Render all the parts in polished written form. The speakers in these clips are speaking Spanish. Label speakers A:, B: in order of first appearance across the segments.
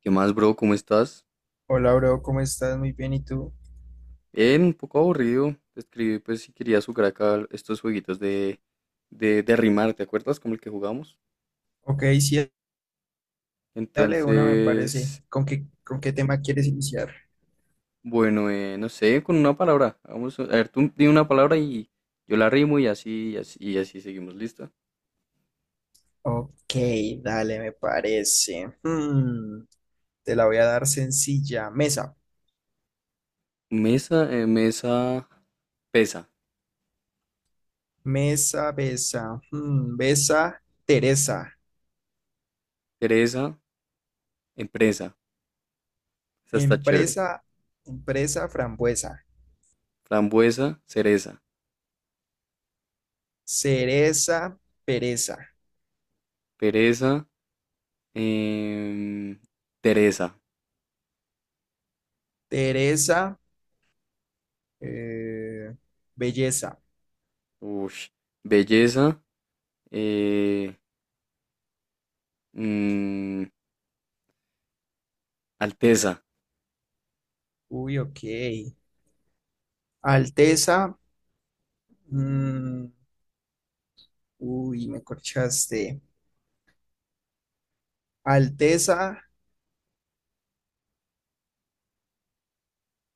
A: ¿Qué más, bro? ¿Cómo estás?
B: Hola, bro, ¿cómo estás? Muy bien, ¿y tú?
A: Bien, un poco aburrido. Te escribí pues si querías jugar acá estos jueguitos de rimar, ¿te acuerdas? Como el que jugamos.
B: Ok, sí, dale una, me parece.
A: Entonces,
B: ¿Con qué tema quieres iniciar?
A: bueno, no sé, con una palabra. Vamos a ver, tú di una palabra y yo la rimo y así, y así, y así seguimos, ¿lista?
B: Ok, dale, me parece. Hmm, te la voy a dar sencilla. Mesa,
A: Mesa, mesa, pesa.
B: mesa, besa. Hmm, besa, Teresa.
A: Pereza, empresa. Esa está chévere.
B: Empresa, empresa, frambuesa.
A: Frambuesa, cereza.
B: Cereza, pereza.
A: Pereza, em, Teresa.
B: Teresa, eh, belleza.
A: Ush. Belleza, Eh, mm, alteza.
B: Uy, ok. Alteza, mm, uy, me corchaste. Alteza,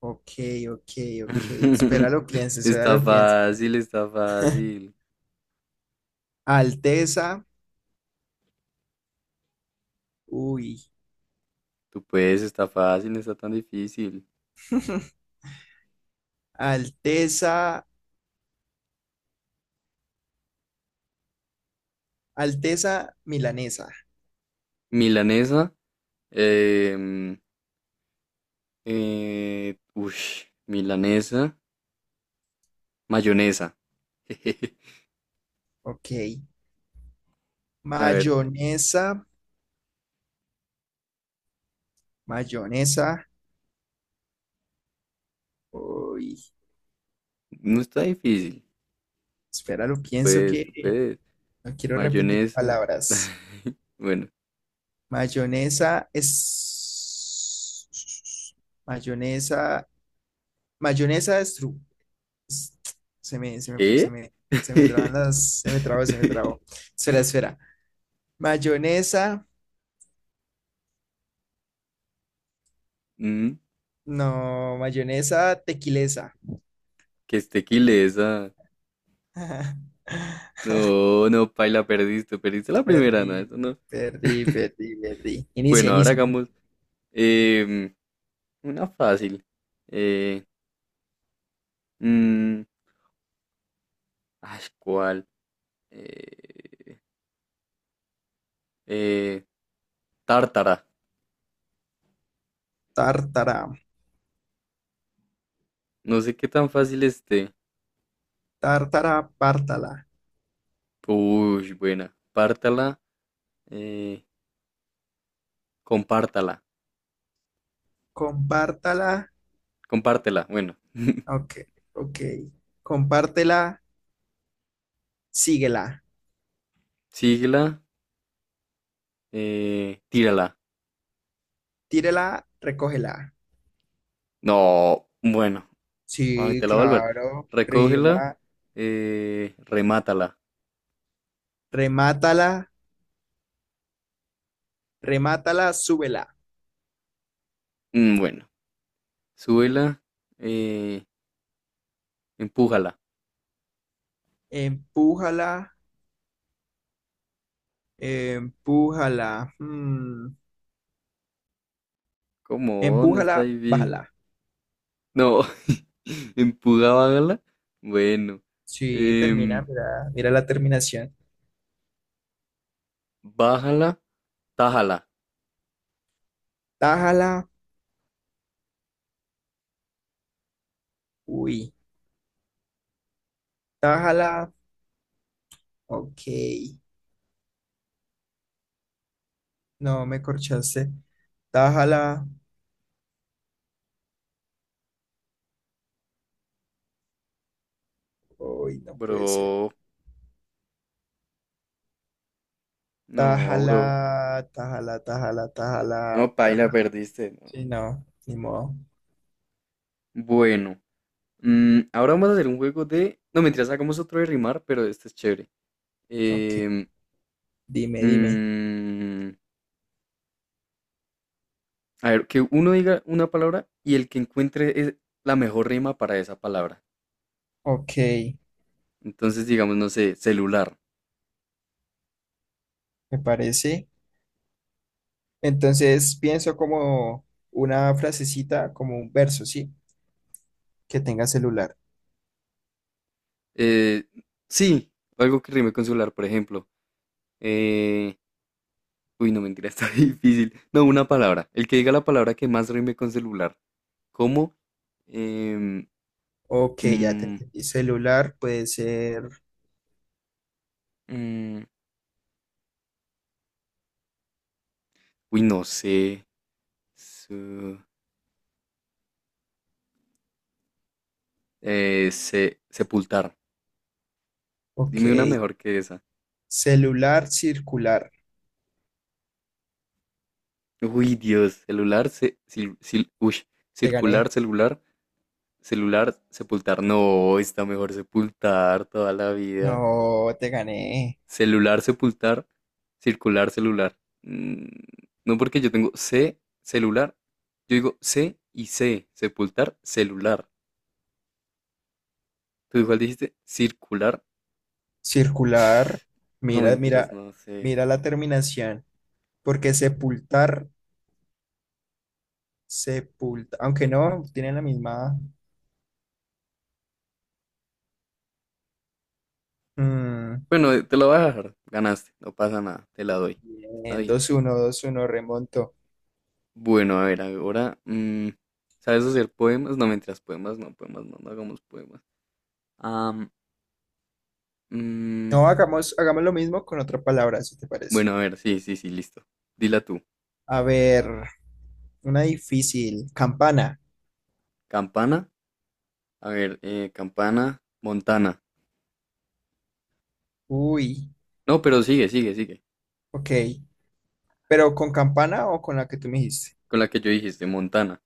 B: ok, ok, ok. Espera, lo pienso, espera,
A: Está
B: lo pienso.
A: fácil, está fácil.
B: Alteza, uy.
A: Tú puedes, está fácil, no está tan difícil.
B: Alteza, Alteza milanesa,
A: Milanesa. em, ush, milanesa. Mayonesa.
B: ok.
A: A ver,
B: Mayonesa, mayonesa, uy.
A: no está difícil.
B: Espera, lo
A: Tú
B: pienso
A: puedes, tú
B: que
A: puedes.
B: no quiero repetir
A: Mayonesa.
B: palabras.
A: Bueno,
B: Mayonesa es. Mayonesa, mayonesa es true. Se me, se me, se
A: ¿qué?
B: me, se me traban las, se me trabó, se me trabó. Espera, espera. Mayonesa,
A: Mm,
B: no, mayonesa tequilesa.
A: que esté quilesa. No, no, paila, perdiste, perdiste la primera,
B: Perdí,
A: no, eso no.
B: perdí, perdí, perdí. Inicia,
A: Bueno, ahora
B: inicia. Inicia.
A: hagamos em, una fácil. Eh, mm, ay, ¿cuál? Eh, eh, tártara.
B: Tártara,
A: No sé qué tan fácil esté.
B: tártara, pártala.
A: Uy, buena. Pártala, eh, compártala,
B: Compártala.
A: compártela, bueno.
B: Ok, ok. Compártela, síguela.
A: Síguela, tírala.
B: Tírela, recógela.
A: No, bueno, ay,
B: Sí,
A: te la voy a volver.
B: claro.
A: Recógela,
B: Rima,
A: remátala.
B: remátala, remátala, súbela.
A: Mm, bueno, súbela, eh, empújala.
B: Empújala, empújala, mm,
A: ¿Cómo? No está
B: empújala,
A: difícil.
B: bájala.
A: No, empuja, bájala. Bueno,
B: Sí, termina,
A: em,
B: mira, mira la terminación.
A: bájala, tájala.
B: Tájala, uy, tájala, ok. No, me corchaste. Tájala, uy, no puede ser.
A: Bro, no,
B: Tájala,
A: bro.
B: tájala, tájala, tájala,
A: No, paila,
B: tájala.
A: perdiste. No.
B: Sí, no, ni modo.
A: Bueno, mm, ahora vamos a hacer un juego de. No, mentiras, sacamos otro de rimar, pero este es chévere.
B: Ok,
A: Em,
B: dime, dime.
A: mm, a ver, que uno diga una palabra y el que encuentre la mejor rima para esa palabra.
B: Ok,
A: Entonces, digamos, no sé, celular.
B: me parece. Entonces pienso como una frasecita, como un verso, ¿sí? Que tenga celular.
A: Eh, sí, algo que rime con celular, por ejemplo. Eh, uy, no mentira, está difícil. No, una palabra. El que diga la palabra que más rime con celular. ¿Cómo? Em,
B: Ok, ya te
A: mm,
B: entendí. Celular puede ser.
A: mm, uy, no sé. Su- sepultar.
B: Ok.
A: Dime una mejor que esa.
B: Celular circular.
A: Uy, Dios. Celular, se, uy,
B: Te
A: circular,
B: gané.
A: celular, celular, sepultar. No, está mejor sepultar toda la vida.
B: No, te gané.
A: Celular, sepultar, circular, celular. Mm, no porque yo tengo C, celular. Yo digo C y C, sepultar, celular. Tú igual dijiste circular.
B: Circular.
A: No
B: Mira,
A: mentiras,
B: mira,
A: no sé.
B: mira la terminación. Porque sepultar, sepulta. Aunque no, tienen la misma. Mm,
A: Bueno, te lo voy a dejar. Ganaste, no pasa nada, te la doy. Está
B: Bien,
A: bien.
B: dos uno 2-1, remonto.
A: Bueno, a ver, ahora, mm, ¿sabes hacer poemas? No mentiras, poemas, no, no hagamos poemas. Am, mm,
B: No, hagamos, hagamos lo mismo con otra palabra, si te parece.
A: bueno, a ver, sí, sí, sí, listo. Dila tú.
B: A ver, una difícil. Campana.
A: Campana. A ver, campana, Montana.
B: Uy,
A: No, pero sigue, sigue, sigue.
B: ok. Pero con campana o con la que tú me dijiste.
A: Con la que yo dijiste, Montana.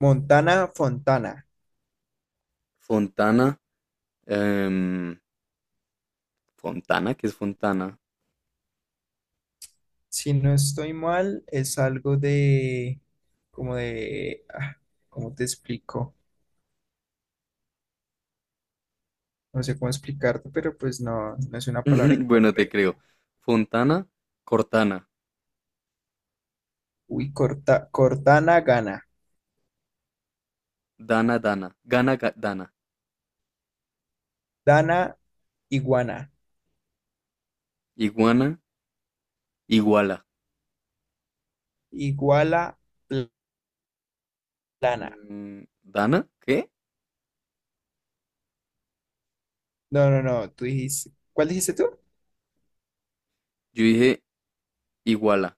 B: Montana Fontana.
A: Fontana, em, Fontana, ¿qué es Fontana?
B: Si no estoy mal, es algo de, como de, ah, ¿cómo te explico? No sé cómo explicarte, pero pues no, no es una palabra
A: Bueno, te
B: incorrecta.
A: creo. Fontana, Cortana,
B: Uy, corta, Cortana gana.
A: Dana, Dana, gana, Dana,
B: Dana iguana.
A: iguana, iguala.
B: Iguala pl- plana.
A: Mm, ¿Dana? ¿Qué?
B: No, no, no, tú dijiste, ¿cuál dijiste tú?
A: Yo dije iguala.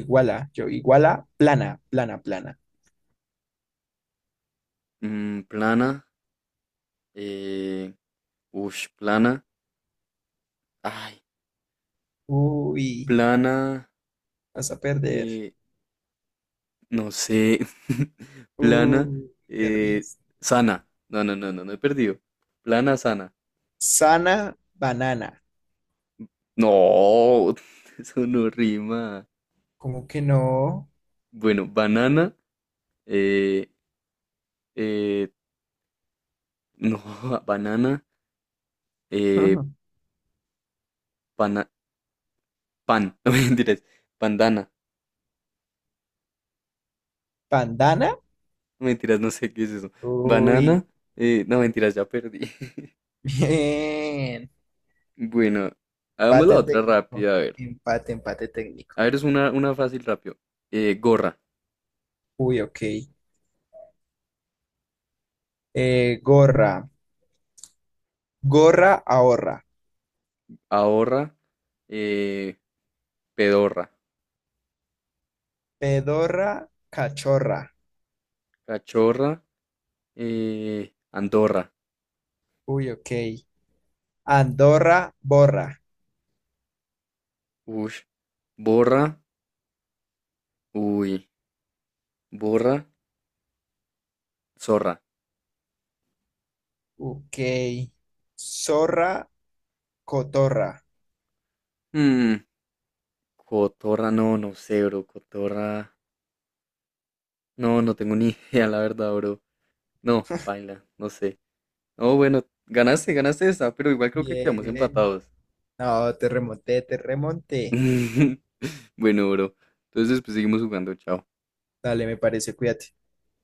B: Iguala, yo, iguala plana, plana, plana.
A: Mm, plana, eh, ush, plana. Ay,
B: Uy,
A: plana,
B: vas a perder.
A: eh, no sé. Plana,
B: Uy, perdí.
A: eh, sana. No, no, no, no, no he perdido. Plana, sana.
B: Sana banana.
A: No, eso no rima.
B: ¿Cómo que no?
A: Bueno, banana, eh, eh, no, banana, eh, pana- no mentiras, pandana,
B: ¿Bandana?
A: no mentiras, no sé qué es eso.
B: Uy,
A: Banana, no mentiras, ya perdí.
B: bien.
A: Bueno, hagamos la
B: Empate
A: otra
B: técnico.
A: rápida, a ver.
B: Empate, empate técnico.
A: A ver, es una fácil rápido. Gorra,
B: Uy, ok. Gorra. Gorra ahorra.
A: ahorra, eh, pedorra.
B: Pedorra cachorra.
A: Cachorra, Andorra,
B: Uy, ok. Andorra borra.
A: ush, borra, uy, borra, zorra.
B: Ok. Zorra cotorra.
A: Mm, cotorra, no, no sé, bro, cotorra, no, no tengo ni idea, la verdad, bro. No, paila, no sé. No, bueno, ganaste, ganaste esta, pero igual creo que quedamos
B: Bien.
A: empatados.
B: No, te remonté, te remonté.
A: Bueno, bro, entonces pues seguimos jugando, chao.
B: Dale, me parece, cuídate.